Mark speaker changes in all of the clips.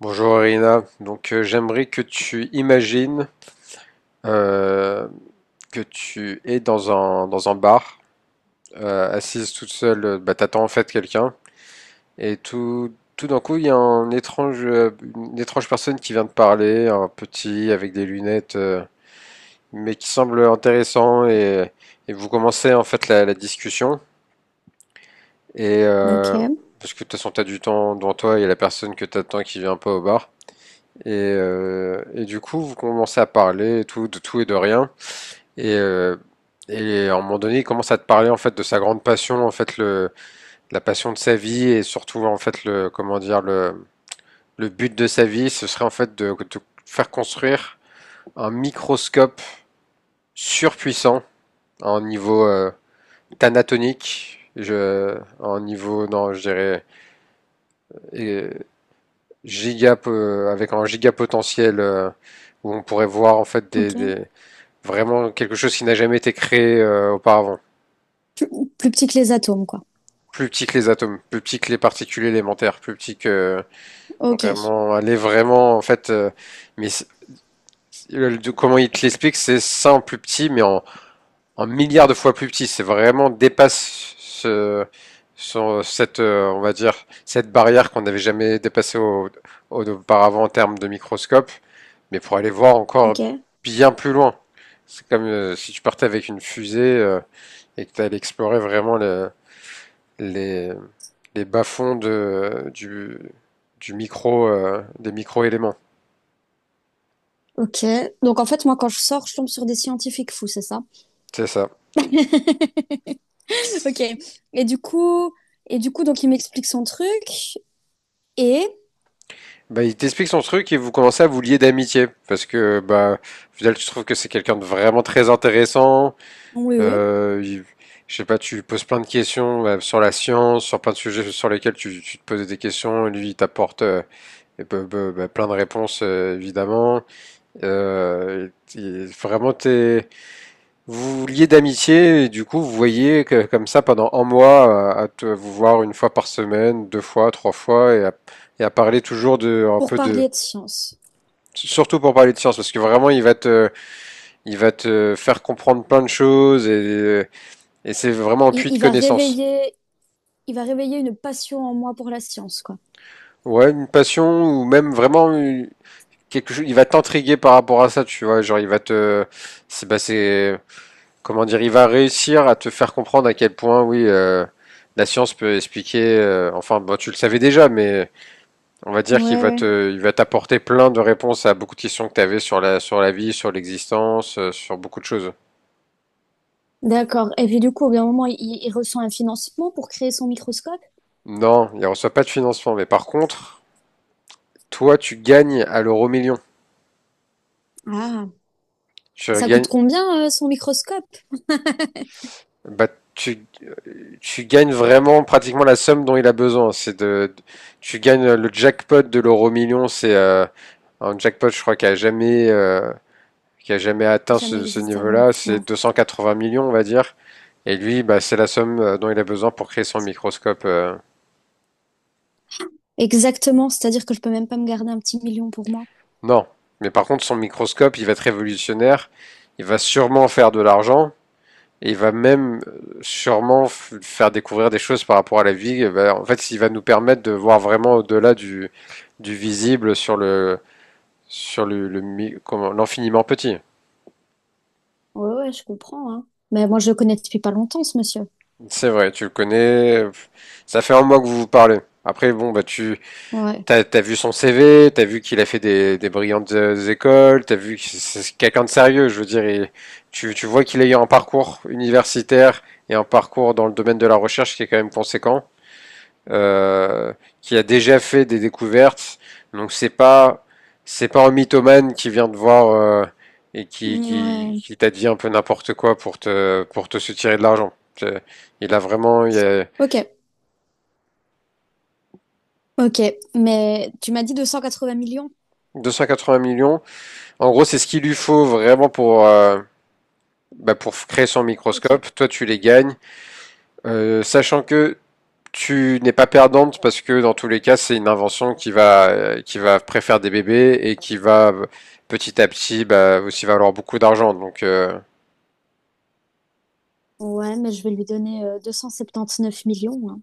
Speaker 1: Bonjour Irina, donc j'aimerais que tu imagines euh, que tu es dans un bar, assise toute seule, bah, t'attends en fait quelqu'un, et tout, tout d'un coup il y a un étrange, une étrange personne qui vient te parler, un petit avec des lunettes, mais qui semble intéressant, et vous commencez en fait la discussion, et
Speaker 2: Ok,
Speaker 1: parce que de toute façon t'as du temps devant toi, il y a la personne que t'attends qui vient pas au bar. Et du coup, vous commencez à parler et tout, de tout et de rien. Et, euh, et à un moment donné, il commence à te parler en fait de sa grande passion, en fait le, la passion de sa vie et surtout en fait le, comment dire, le but de sa vie, ce serait en fait de faire construire un microscope surpuissant à un niveau thanatonique, je, à un niveau, non, je dirais, euh, giga, avec un giga potentiel où on pourrait voir en fait
Speaker 2: ok.
Speaker 1: des, vraiment quelque chose qui n'a jamais été créé auparavant.
Speaker 2: Plus, plus petit que les atomes, quoi.
Speaker 1: Plus petit que les atomes, plus petit que les particules élémentaires, plus petit que
Speaker 2: Ok,
Speaker 1: vraiment aller vraiment en fait. Mais c'est- le- de- comment il te l'explique, c'est ça en plus petit, mais en, en milliards de fois plus petit. C'est vraiment dépasse ce, ce- cette on va dire cette barrière qu'on n'avait jamais dépassée au- au- auparavant en termes de microscope, mais pour aller voir encore
Speaker 2: ok,
Speaker 1: bien plus loin. C'est comme si tu partais avec une fusée. Et que tu allais explorer vraiment le- les, les bas-fonds de, du micro, des micro-éléments.
Speaker 2: ok. Donc en fait, moi, quand je sors, je tombe sur des scientifiques fous, c'est ça?
Speaker 1: C'est ça.
Speaker 2: Ok. Et du coup, et du coup, donc il m'explique son truc et
Speaker 1: Bah, il t'explique son truc et vous commencez à vous lier d'amitié parce que bah au final, tu trouves que c'est quelqu'un de vraiment très intéressant.
Speaker 2: oui, oui,
Speaker 1: Il- je sais pas, tu lui poses plein de questions bah, sur la science, sur plein de sujets sur lesquels tu te posais des questions. Et lui, il t'apporte et bah, plein de réponses évidemment. Euh, vraiment, t'es vous vous liez d'amitié et du coup vous voyez que, comme ça pendant un mois à te- vous voir une fois par semaine, deux fois, trois fois et à parler toujours de un
Speaker 2: pour
Speaker 1: peu de
Speaker 2: parler de science.
Speaker 1: surtout pour parler de science parce que vraiment il va te faire comprendre plein de choses et c'est vraiment un
Speaker 2: il,
Speaker 1: puits de
Speaker 2: il va
Speaker 1: connaissances.
Speaker 2: réveiller, il va réveiller une passion en moi pour la science, quoi.
Speaker 1: Ouais, une passion ou même vraiment une- quelque chose, il va t'intriguer par rapport à ça, tu vois, genre il va te c'est bah c'est comment dire, il va réussir à te faire comprendre à quel point, oui, la science peut expliquer. Enfin, bon, tu le savais déjà, mais on va dire qu'il
Speaker 2: Ouais,
Speaker 1: va
Speaker 2: ouais,
Speaker 1: te, il va t'apporter plein de réponses à beaucoup de questions que tu avais sur la vie, sur l'existence, sur beaucoup de choses.
Speaker 2: d'accord. Et puis du coup, au bout d'un moment, il reçoit un financement pour créer son microscope.
Speaker 1: Non, il ne reçoit pas de financement, mais par contre, toi, tu gagnes à l'euro million.
Speaker 2: Ah,
Speaker 1: Tu
Speaker 2: ça coûte
Speaker 1: gagnes,
Speaker 2: combien son microscope?
Speaker 1: bah, tu, tu gagnes vraiment pratiquement la somme dont il a besoin. C'est de, tu gagnes le jackpot de l'euro million, c'est un jackpot, je crois, qui a jamais atteint
Speaker 2: Jamais
Speaker 1: ce, ce
Speaker 2: existé avant.
Speaker 1: niveau-là,
Speaker 2: Waouh.
Speaker 1: c'est 280 millions, on va dire. Et lui, bah, c'est la somme dont il a besoin pour créer son microscope.
Speaker 2: Exactement, c'est-à-dire que je peux même pas me garder un petit million pour moi.
Speaker 1: Non, mais par contre, son microscope, il va être révolutionnaire. Il va sûrement faire de l'argent. Et il va même sûrement faire découvrir des choses par rapport à la vie. Bah, en fait, il va nous permettre de voir vraiment au-delà du visible sur le comment- l'infiniment petit.
Speaker 2: Ouais, ouais, je comprends, hein. Mais moi, je le connais depuis pas longtemps, ce monsieur.
Speaker 1: C'est vrai, tu le connais. Ça fait un mois que vous vous parlez. Après, bon, bah tu
Speaker 2: Ouais.
Speaker 1: T'as as vu son CV, t'as vu qu'il a fait des brillantes écoles, t'as vu que c'est quelqu'un de sérieux, je veux dire. Il- tu vois qu'il a eu un parcours universitaire et un parcours dans le domaine de la recherche qui est quand même conséquent, euh, qui a déjà fait des découvertes. Donc c'est pas un mythomane qui vient te voir et
Speaker 2: Ouais.
Speaker 1: qui t'a dit un peu n'importe quoi pour te soutirer de l'argent. C'est- il a vraiment il y a
Speaker 2: Ok. Ok. Mais tu m'as dit 280 millions?
Speaker 1: 280 millions. En gros, c'est ce qu'il lui faut vraiment pour bah, pour créer son
Speaker 2: Ok.
Speaker 1: microscope. Toi, tu les gagnes, sachant que tu n'es pas perdante parce que dans tous les cas, c'est une invention qui va préfère des bébés et qui va petit à petit bah, aussi valoir beaucoup d'argent. Donc,
Speaker 2: Ouais, mais je vais lui donner 279 millions, hein.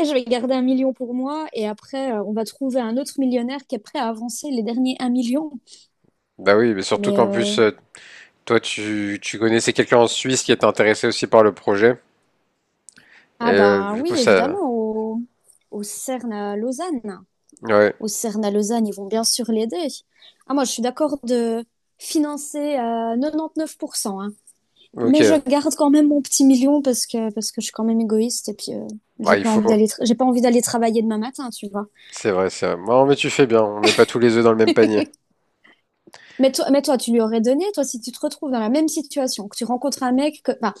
Speaker 2: Et je vais garder un million pour moi, et après, on va trouver un autre millionnaire qui est prêt à avancer les derniers un million.
Speaker 1: bah oui, mais surtout
Speaker 2: Mais,
Speaker 1: qu'en plus, toi, tu connaissais quelqu'un en Suisse qui était intéressé aussi par le projet. Et
Speaker 2: ah bah
Speaker 1: du
Speaker 2: oui,
Speaker 1: coup,
Speaker 2: évidemment,
Speaker 1: ça.
Speaker 2: au CERN à Lausanne.
Speaker 1: Ouais,
Speaker 2: Au CERN à Lausanne, ils vont bien sûr l'aider. Ah, moi, je suis d'accord de financer à 99%, hein. Mais je
Speaker 1: ok.
Speaker 2: garde quand même mon petit million parce que je suis quand même égoïste et puis
Speaker 1: Bah, il faut.
Speaker 2: j'ai pas envie d'aller travailler demain matin, tu vois.
Speaker 1: C'est vrai, c'est vrai. Non, mais tu fais bien. On met pas tous les œufs dans le même panier.
Speaker 2: Mais toi, tu lui aurais donné, toi, si tu te retrouves dans la même situation, que tu rencontres un mec, que, enfin,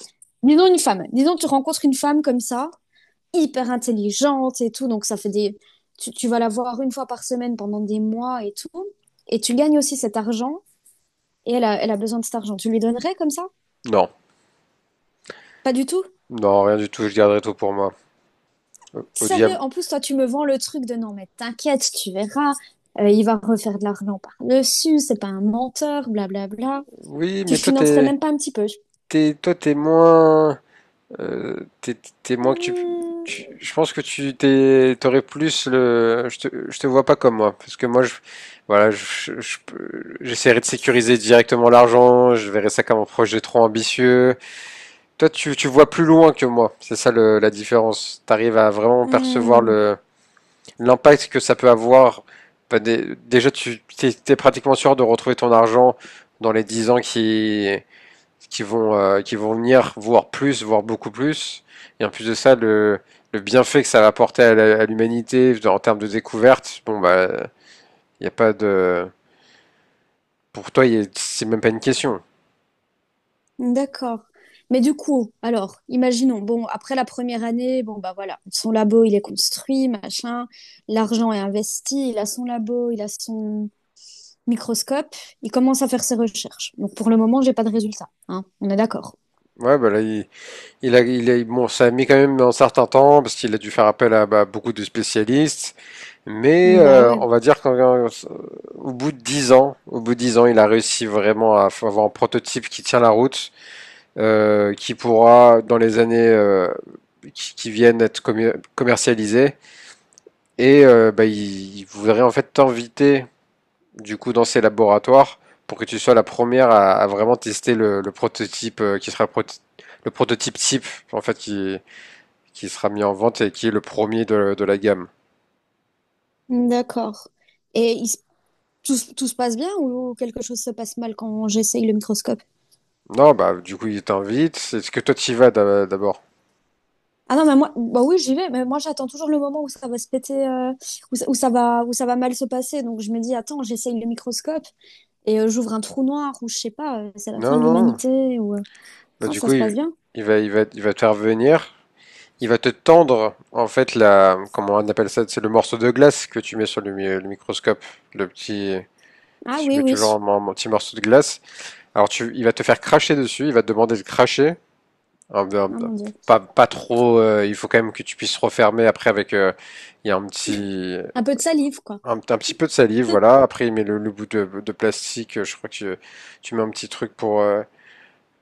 Speaker 2: disons une femme, disons que tu rencontres une femme comme ça, hyper intelligente et tout, donc ça fait des... Tu vas la voir une fois par semaine pendant des mois et tout, et tu gagnes aussi cet argent. Et elle a besoin de cet argent. Tu lui donnerais comme ça?
Speaker 1: Non.
Speaker 2: Pas du tout?
Speaker 1: Non, rien du tout. Je garderai tout pour moi. Au, au
Speaker 2: Sérieux,
Speaker 1: diable.
Speaker 2: en plus, toi, tu me vends le truc de non, mais t'inquiète, tu verras, il va refaire de l'argent par-dessus, c'est pas un menteur, blablabla.
Speaker 1: Oui,
Speaker 2: Tu
Speaker 1: mais toi
Speaker 2: financerais
Speaker 1: t'es
Speaker 2: même pas un petit peu?
Speaker 1: t'es toi t'es moins euh, t'es t'es moins que tu,
Speaker 2: Hmm,
Speaker 1: tu- je pense que tu t'es t'aurais plus le je te vois pas comme moi parce que moi je voilà je peux- j'essaierai de sécuriser directement l'argent je verrai ça comme un projet trop ambitieux toi tu tu vois plus loin que moi c'est ça le, la différence t'arrives à vraiment percevoir
Speaker 2: hmm,
Speaker 1: le l'impact que ça peut avoir. Bah, dé- déjà tu t'es t'es pratiquement sûr de retrouver ton argent dans les 10 ans qui vont, qui vont venir voir plus, voir beaucoup plus. Et en plus de ça, le bienfait que ça va apporter à l'humanité en termes de découverte, bon, bah, il n'y a pas de. Pour toi, c'est même pas une question.
Speaker 2: d'accord. Mais du coup, alors, imaginons, bon, après la première année, bon, bah voilà, son labo, il est construit, machin, l'argent est investi, il a son labo, il a son microscope, il commence à faire ses recherches. Donc pour le moment, j'ai pas de résultat, hein, on est d'accord.
Speaker 1: Ouais, bah là, il a- bon, ça a mis quand même un certain temps parce qu'il a dû faire appel à bah, beaucoup de spécialistes. Mais
Speaker 2: Bah ouais,
Speaker 1: on va dire qu'au bout de 10 ans, au bout de 10 ans, il a réussi vraiment à avoir un prototype qui tient la route qui pourra dans les années qui viennent être commer- commercialisées. Et bah, ils voudraient en fait t'inviter du coup dans ces laboratoires pour que tu sois la première à vraiment tester le prototype qui sera pro- le prototype type en fait qui sera mis en vente et qui est le premier de la gamme.
Speaker 2: d'accord. Et tout, tout se passe bien ou quelque chose se passe mal quand j'essaye le microscope?
Speaker 1: Non, bah du coup il t'invite. Est-ce que toi tu y vas d'abord?
Speaker 2: Ah non, mais moi, bah oui, j'y vais, mais moi j'attends toujours le moment où ça va se péter, où ça va mal se passer. Donc je me dis, attends, j'essaye le microscope et j'ouvre un trou noir ou je sais pas, c'est la fin
Speaker 1: Non,
Speaker 2: de
Speaker 1: non.
Speaker 2: l'humanité ou.
Speaker 1: Bah
Speaker 2: Non,
Speaker 1: du
Speaker 2: ça
Speaker 1: coup
Speaker 2: se passe bien.
Speaker 1: il va, il va, il va te faire venir il va te tendre, en fait, la, comment on appelle ça, c'est le morceau de glace que tu mets sur le microscope, le petit,
Speaker 2: Ah
Speaker 1: si tu
Speaker 2: oui,
Speaker 1: mets
Speaker 2: oui.
Speaker 1: toujours un un petit morceau de glace. Alors tu, il va te faire cracher dessus, il va te demander de cracher.
Speaker 2: Ah mon Dieu.
Speaker 1: Pas, pas trop, il faut quand même que tu puisses refermer après avec, il y a un petit,
Speaker 2: Un peu de salive, quoi.
Speaker 1: un petit peu de salive, voilà. Après il met le bout de plastique, je crois que tu mets un petit truc pour,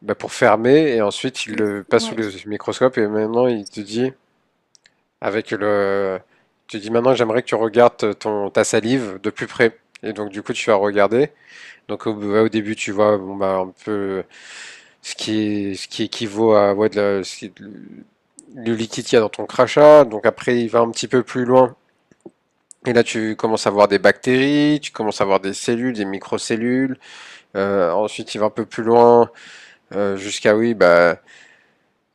Speaker 1: bah, pour fermer et ensuite il
Speaker 2: Oui,
Speaker 1: le passe sous
Speaker 2: ouais.
Speaker 1: le microscope et maintenant il te dit avec le, tu dis maintenant j'aimerais que tu regardes ton ta salive de plus près. Et donc du coup tu vas regarder. Donc au, ouais, au début tu vois bon bah un peu ce qui équivaut à ouais, de la- ce qui- le liquide qu'il y a dans ton crachat. Donc après il va un petit peu plus loin. Et là tu commences à voir des bactéries, tu commences à voir des cellules, des microcellules. Ensuite il va un peu plus loin jusqu'à oui bah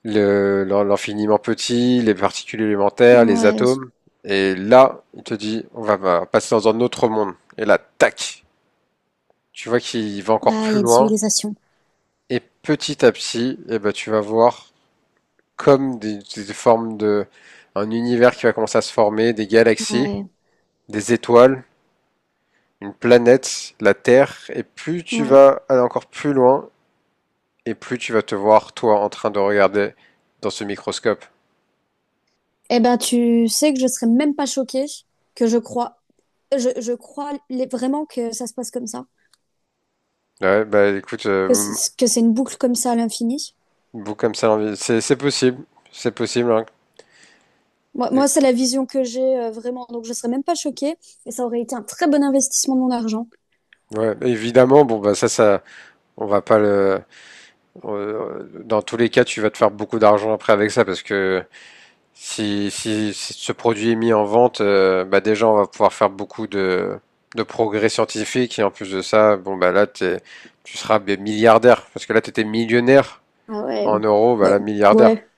Speaker 1: le- l'en- l'infiniment petit, les particules élémentaires, les
Speaker 2: Ouais.
Speaker 1: atomes. Et là, il te dit, on va passer dans un autre monde. Et là, tac, tu vois qu'il va encore
Speaker 2: Ah, il
Speaker 1: plus
Speaker 2: y a des
Speaker 1: loin.
Speaker 2: civilisations.
Speaker 1: Et petit à petit, eh ben, tu vas voir comme des formes de, un univers qui va commencer à se former, des galaxies,
Speaker 2: Ouais.
Speaker 1: des étoiles, une planète, la Terre. Et plus tu
Speaker 2: Ouais.
Speaker 1: vas aller encore plus loin, et plus tu vas te voir, toi, en train de regarder dans ce microscope.
Speaker 2: Eh ben, tu sais que je serais même pas choquée que je crois. Je crois vraiment que ça se passe comme ça,
Speaker 1: Ouais, bah écoute,
Speaker 2: que c'est que c'est une boucle comme ça à l'infini.
Speaker 1: vous comme ça, l'envie- c'est possible, c'est possible. Hein.
Speaker 2: Moi,
Speaker 1: Et-
Speaker 2: c'est la vision que j'ai vraiment, donc je serais même pas choquée et ça aurait été un très bon investissement de mon argent.
Speaker 1: ouais, évidemment, bon bah ça, ça, on va pas le. Dans tous les cas, tu vas te faire beaucoup d'argent après avec ça parce que si, si, si ce produit est mis en vente, bah déjà on va pouvoir faire beaucoup de progrès scientifiques et en plus de ça, bon bah là t'es, tu seras bien milliardaire parce que là tu étais millionnaire
Speaker 2: Ah ouais.
Speaker 1: en euros, bah
Speaker 2: Bah,
Speaker 1: là milliardaire.
Speaker 2: ouais,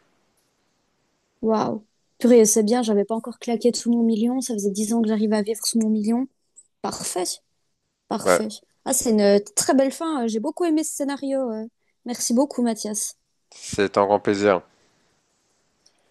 Speaker 2: waouh. Purée, c'est bien, j'avais pas encore claqué sous mon million, ça faisait 10 ans que j'arrivais à vivre sous mon million. Parfait,
Speaker 1: Ouais,
Speaker 2: parfait. Ah, c'est une très belle fin, j'ai beaucoup aimé ce scénario. Merci beaucoup, Mathias.
Speaker 1: c'est un grand plaisir.